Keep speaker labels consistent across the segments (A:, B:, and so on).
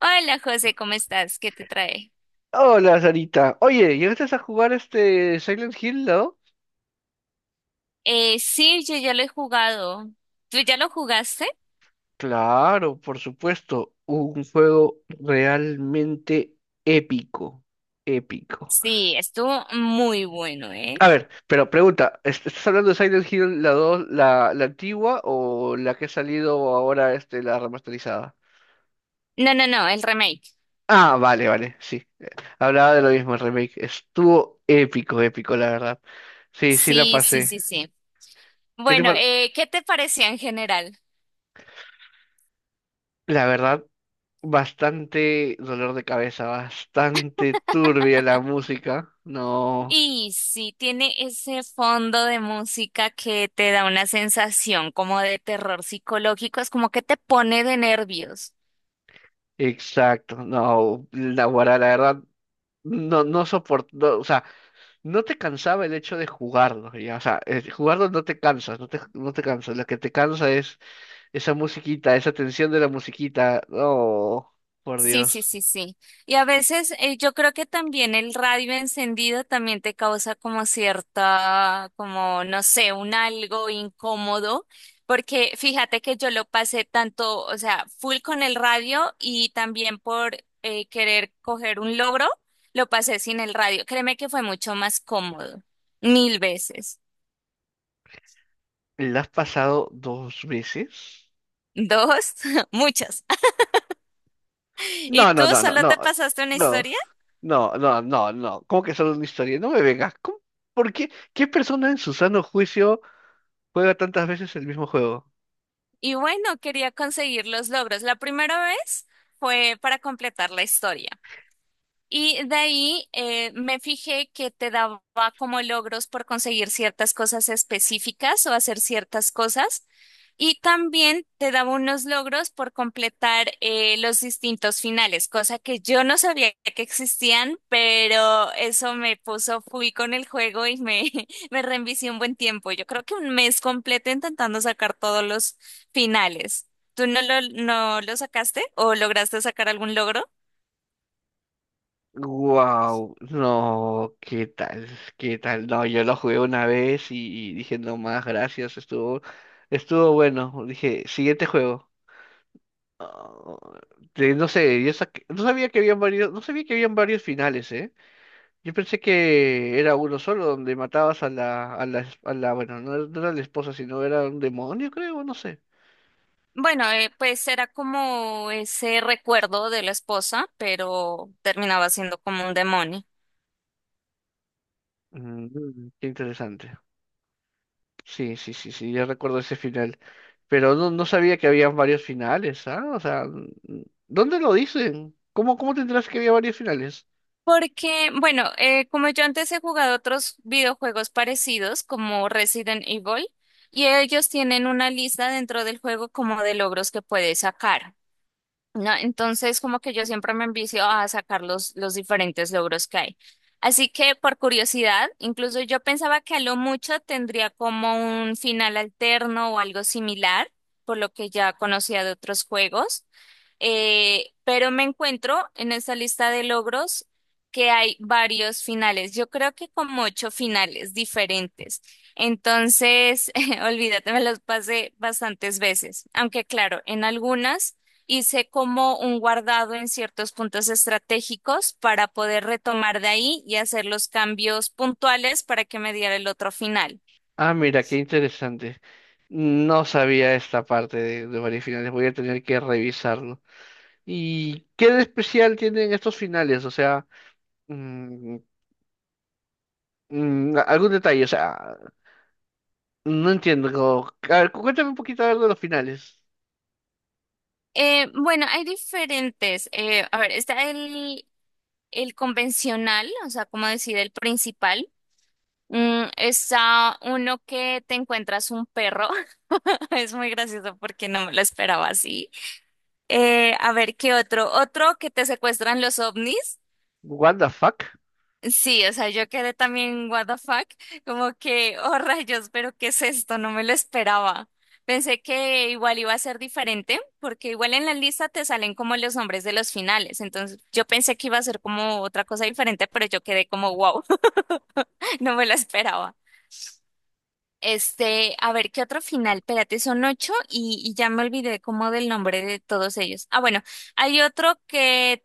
A: Hola José, ¿cómo estás? ¿Qué te trae?
B: Hola, Sarita. Oye, ¿llegaste a jugar este Silent Hill, no?
A: Sí, yo ya lo he jugado. ¿Tú ya lo jugaste?
B: Claro, por supuesto. Un juego realmente épico. Épico.
A: Sí, estuvo muy bueno, ¿eh?
B: A ver, pero pregunta, ¿Estás hablando de Silent Hill la 2, la antigua o la que ha salido ahora, la remasterizada?
A: No, no, no, el remake.
B: Ah, vale, vale, sí. Hablaba de lo mismo, el remake. Estuvo épico, épico, la verdad. Sí, sí la
A: Sí, sí,
B: pasé.
A: sí, sí.
B: ¿Qué te
A: Bueno,
B: par-
A: ¿qué te parecía en general?
B: La verdad, bastante dolor de cabeza, bastante turbia la música. No,
A: Y sí, tiene ese fondo de música que te da una sensación como de terror psicológico, es como que te pone de nervios.
B: exacto. No, la guará, la verdad, no, no soportó, o sea, no te cansaba el hecho de jugarlo, ya, o sea, jugarlo no te cansas, no te cansas, lo que te cansa es esa musiquita, esa tensión de la musiquita. Oh, por
A: Sí, sí,
B: Dios.
A: sí, sí. Y a veces yo creo que también el radio encendido también te causa como cierta, como no sé, un algo incómodo, porque fíjate que yo lo pasé tanto, o sea, full con el radio y también por querer coger un logro, lo pasé sin el radio. Créeme que fue mucho más cómodo, mil veces.
B: ¿La has pasado dos veces?
A: Dos, muchas. ¿Y
B: No,
A: tú
B: no, no, no,
A: solo te
B: no,
A: pasaste una
B: no,
A: historia?
B: no, no, no, no. ¿Cómo que solo una historia? No me vengas. ¿Cómo? ¿Por qué? ¿Qué persona en su sano juicio juega tantas veces el mismo juego?
A: Y bueno, quería conseguir los logros. La primera vez fue para completar la historia. Y de ahí me fijé que te daba como logros por conseguir ciertas cosas específicas o hacer ciertas cosas. Y también te daba unos logros por completar los distintos finales, cosa que yo no sabía que existían, pero eso me puso, fui con el juego y me reenvicié un buen tiempo. Yo creo que un mes completo intentando sacar todos los finales. ¿Tú no no lo sacaste o lograste sacar algún logro?
B: Wow, no. ¿Qué tal? ¿Qué tal? No, yo lo jugué una vez y, dije, no más, gracias. Estuvo bueno. Dije, siguiente juego. Ah, no sé. No sabía que habían varios, no sabía que habían varios finales, ¿eh? Yo pensé que era uno solo donde matabas a la, bueno, no, era no era la esposa, sino era un demonio, creo, no sé.
A: Bueno, pues era como ese recuerdo de la esposa, pero terminaba siendo como un demonio.
B: Mm, mm, qué interesante. Sí, sí, sí, sí, ya recuerdo ese final. Pero no, no sabía que había varios finales, ¿ah? O sea, ¿dónde lo dicen? ¿Cómo te enteraste que había varios finales?
A: Porque, bueno, como yo antes he jugado otros videojuegos parecidos, como Resident Evil, y ellos tienen una lista dentro del juego como de logros que puedes sacar, ¿no? Entonces, como que yo siempre me envicio a sacar los diferentes logros que hay. Así que, por curiosidad, incluso yo pensaba que a lo mucho tendría como un final alterno o algo similar, por lo que ya conocía de otros juegos. Pero me encuentro en esta lista de logros que hay varios finales. Yo creo que como ocho finales diferentes. Entonces, olvídate, me los pasé bastantes veces. Aunque claro, en algunas hice como un guardado en ciertos puntos estratégicos para poder retomar de ahí y hacer los cambios puntuales para que me diera el otro final.
B: Ah, mira, qué interesante. No sabía esta parte de varios finales, voy a tener que revisarlo. ¿Y qué de especial tienen estos finales? O sea, mm, algún detalle. O sea, no entiendo. A ver, cuéntame un poquito a ver de los finales.
A: Bueno, hay diferentes. A ver, está el convencional, o sea, como decir, el principal. Mm, está uno que te encuentras un perro. Es muy gracioso porque no me lo esperaba así. A ver, ¿qué otro? Otro que te secuestran los ovnis.
B: What the fuck?
A: Sí, o sea, yo quedé también what the fuck, como que, oh rayos, pero ¿qué es esto? No me lo esperaba. Pensé que igual iba a ser diferente, porque igual en la lista te salen como los nombres de los finales, entonces yo pensé que iba a ser como otra cosa diferente, pero yo quedé como wow, no me lo esperaba. Este, a ver, ¿qué otro final? Espérate, son ocho y ya me olvidé como del nombre de todos ellos. Ah, bueno, hay otro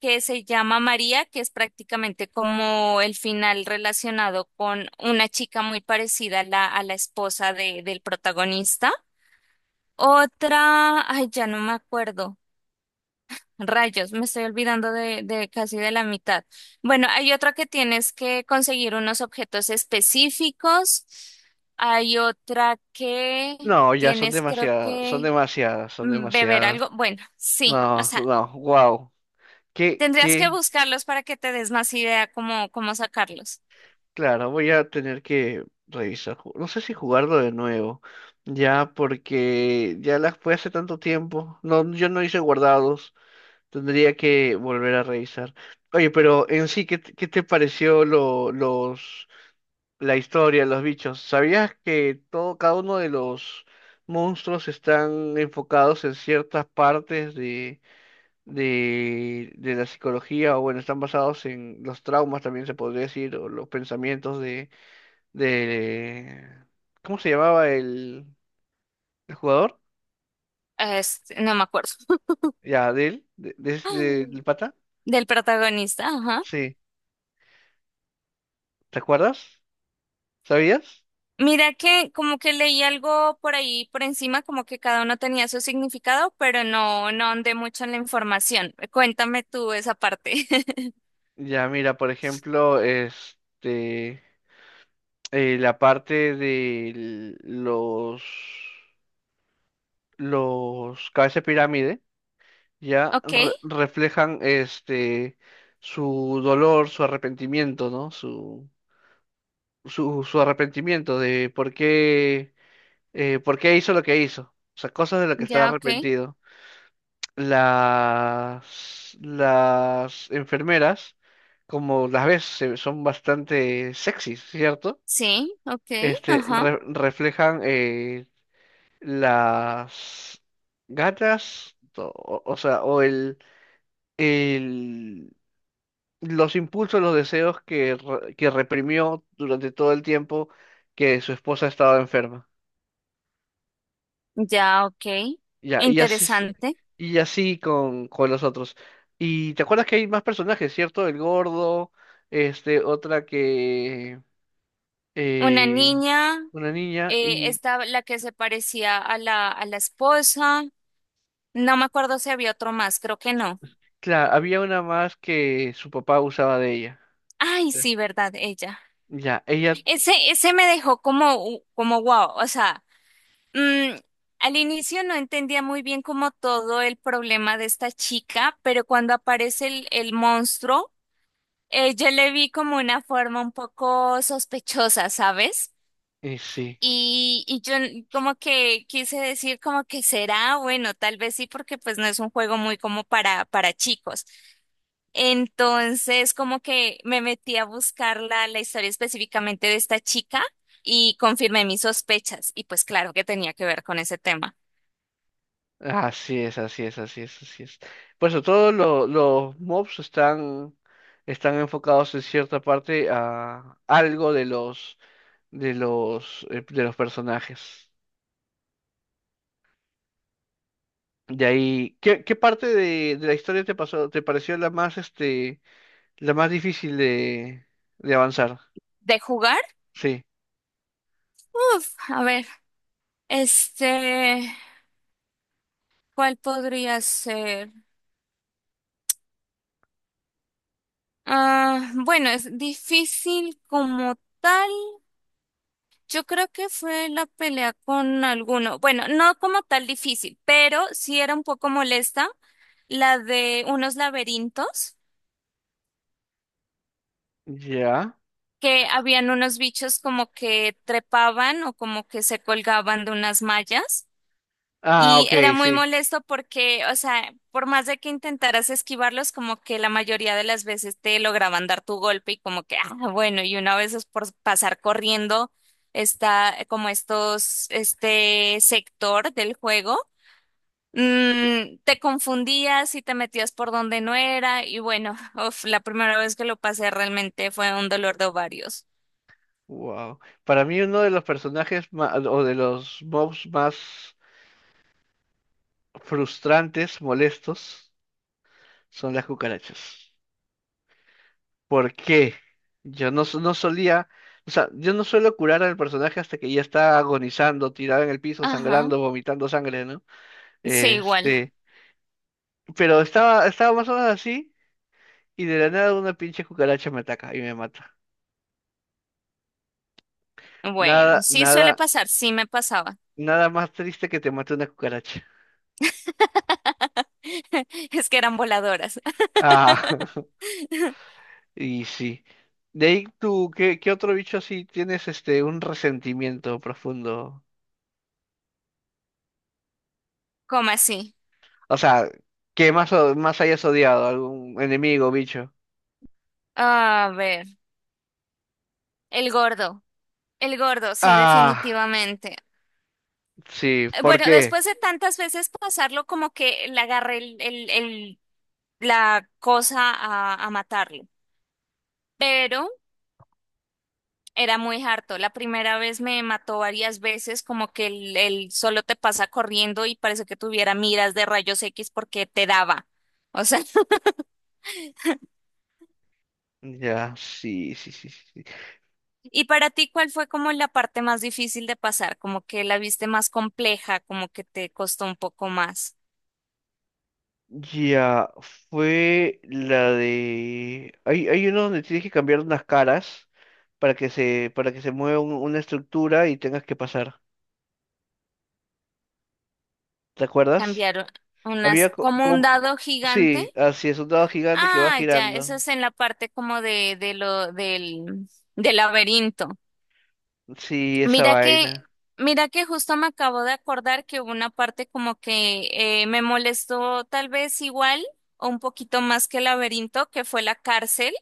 A: que se llama María, que es prácticamente como el final relacionado con una chica muy parecida a a la esposa del protagonista. Otra, ay, ya no me acuerdo. Rayos, me estoy olvidando de casi de la mitad. Bueno, hay otra que tienes que conseguir unos objetos específicos. Hay otra que
B: No, ya son
A: tienes, creo
B: demasiadas, son
A: que,
B: demasiadas, son
A: mm, beber
B: demasiadas.
A: algo. Bueno, sí, o
B: No,
A: sea,
B: no, wow. ¿Qué,
A: tendrías que
B: qué?
A: buscarlos para que te des más idea cómo, cómo sacarlos.
B: Claro, voy a tener que revisar. No sé si jugarlo de nuevo. Ya, porque ya las fue hace tanto tiempo. No, yo no hice guardados. Tendría que volver a revisar. Oye, pero en sí, ¿qué te pareció la historia, los bichos? ¿Sabías que todo, cada uno de los monstruos están enfocados en ciertas partes de la psicología, o bueno, están basados en los traumas, también se podría decir, o los pensamientos de, ¿cómo se llamaba el jugador?
A: Este, no me acuerdo.
B: Ya, de él, del pata.
A: Del protagonista, ajá.
B: Sí, ¿te acuerdas? ¿Sabías?
A: Mira que como que leí algo por ahí por encima, como que cada uno tenía su significado, pero no, no ahondé mucho en la información. Cuéntame tú esa parte.
B: Ya, mira, por ejemplo, la parte de los cabeza de pirámide. Ya,
A: Ok,
B: reflejan su dolor, su arrepentimiento, ¿no? Su arrepentimiento de por qué hizo lo que hizo. O sea, cosas de las que está
A: ya, ok.
B: arrepentido. Las enfermeras, como las ves, son bastante sexys, ¿cierto?
A: Sí, ok, ajá.
B: Reflejan, las gatas, o sea, el, los impulsos, los deseos que reprimió durante todo el tiempo que su esposa estaba enferma.
A: Ya, ok.
B: Ya, y así,
A: Interesante.
B: con los otros. Y te acuerdas que hay más personajes, ¿cierto? El gordo, este, otra que,
A: Una
B: eh,
A: niña,
B: una niña, y
A: esta, la que se parecía a a la esposa. No me acuerdo si había otro más, creo que no.
B: claro, había una más que su papá usaba de ella.
A: Ay, sí, verdad, ella.
B: Ya, ella,
A: Ese me dejó como, como wow. O sea, mm, al inicio no entendía muy bien como todo el problema de esta chica, pero cuando aparece el monstruo, yo le vi como una forma un poco sospechosa, ¿sabes?
B: sí.
A: Y yo como que quise decir como que será, bueno, tal vez sí, porque pues no es un juego muy como para chicos. Entonces, como que me metí a buscar la historia específicamente de esta chica y confirmé mis sospechas. Y pues claro que tenía que ver con ese tema.
B: Así es, así es, así es, así es. Por eso todos los mobs están enfocados en cierta parte a algo de los personajes. De ahí, ¿qué parte de la historia te pareció la más la más difícil de avanzar?
A: ¿De jugar?
B: Sí.
A: Uf, a ver, este, ¿cuál podría ser? Ah, bueno, es difícil como tal. Yo creo que fue la pelea con alguno. Bueno, no como tal difícil, pero sí era un poco molesta la de unos laberintos
B: Ya.
A: que habían unos bichos como que trepaban o como que se colgaban de unas mallas.
B: Ah,
A: Y
B: ok,
A: era muy
B: sí.
A: molesto porque, o sea, por más de que intentaras esquivarlos, como que la mayoría de las veces te lograban dar tu golpe y como que, ah, bueno, y una vez es por pasar corriendo, está como estos, este sector del juego, mm, te confundías y te metías por donde no era y bueno, uf, la primera vez que lo pasé realmente fue un dolor de ovarios.
B: Wow. Para mí uno de los personajes o de los mobs más frustrantes, molestos, son las cucarachas. ¿Por qué? Yo no, so- no solía, o sea, yo no suelo curar al personaje hasta que ya está agonizando, tirado en el piso,
A: Ajá,
B: sangrando, vomitando sangre, ¿no?
A: sí, igual.
B: Este, pero estaba más o menos así y de la nada una pinche cucaracha me ataca y me mata.
A: Bueno,
B: Nada,
A: sí suele
B: nada,
A: pasar, sí me pasaba.
B: nada más triste que te mate una cucaracha.
A: Es que eran voladoras.
B: Ah, y sí. De ahí tú, ¿qué otro bicho así tienes un resentimiento profundo?
A: ¿Cómo así?
B: O sea, ¿qué más, más hayas odiado? ¿Algún enemigo, bicho?
A: A ver, el gordo. El gordo, sí,
B: Ah,
A: definitivamente.
B: sí, ¿por
A: Bueno,
B: qué?
A: después de tantas veces pasarlo, como que le agarré la cosa a matarlo. Pero era muy harto. La primera vez me mató varias veces, como que el solo te pasa corriendo y parece que tuviera miras de rayos X porque te daba. O sea.
B: Ya, sí, sí, sí, sí, sí.
A: Y para ti, ¿cuál fue como la parte más difícil de pasar? Como que la viste más compleja, como que te costó un poco más
B: Ya, fue la de. Hay uno donde tienes que cambiar unas caras para que se, mueva una estructura y tengas que pasar. ¿Te acuerdas?
A: cambiar unas,
B: Había
A: como un
B: como.
A: dado gigante.
B: Sí, así es, un dado gigante que va
A: Ah, ya, eso
B: girando.
A: es en la parte como de lo, del, del laberinto.
B: Sí, esa
A: Mira que,
B: vaina.
A: mira que justo me acabo de acordar que hubo una parte como que me molestó tal vez igual o un poquito más que el laberinto, que fue la cárcel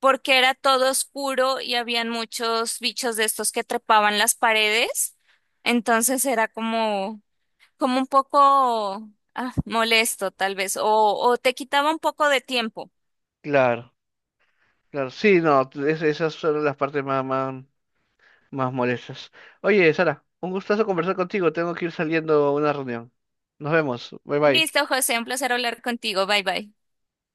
A: porque era todo oscuro y habían muchos bichos de estos que trepaban las paredes. Entonces era como, como un poco ah, molesto, tal vez, o te quitaba un poco de tiempo.
B: Claro, claro. Sí, no, esas son las partes más, más, más molestas. Oye, Sara, un gustazo conversar contigo. Tengo que ir saliendo a una reunión. Nos vemos. Bye bye.
A: Listo, José, un placer hablar contigo. Bye bye.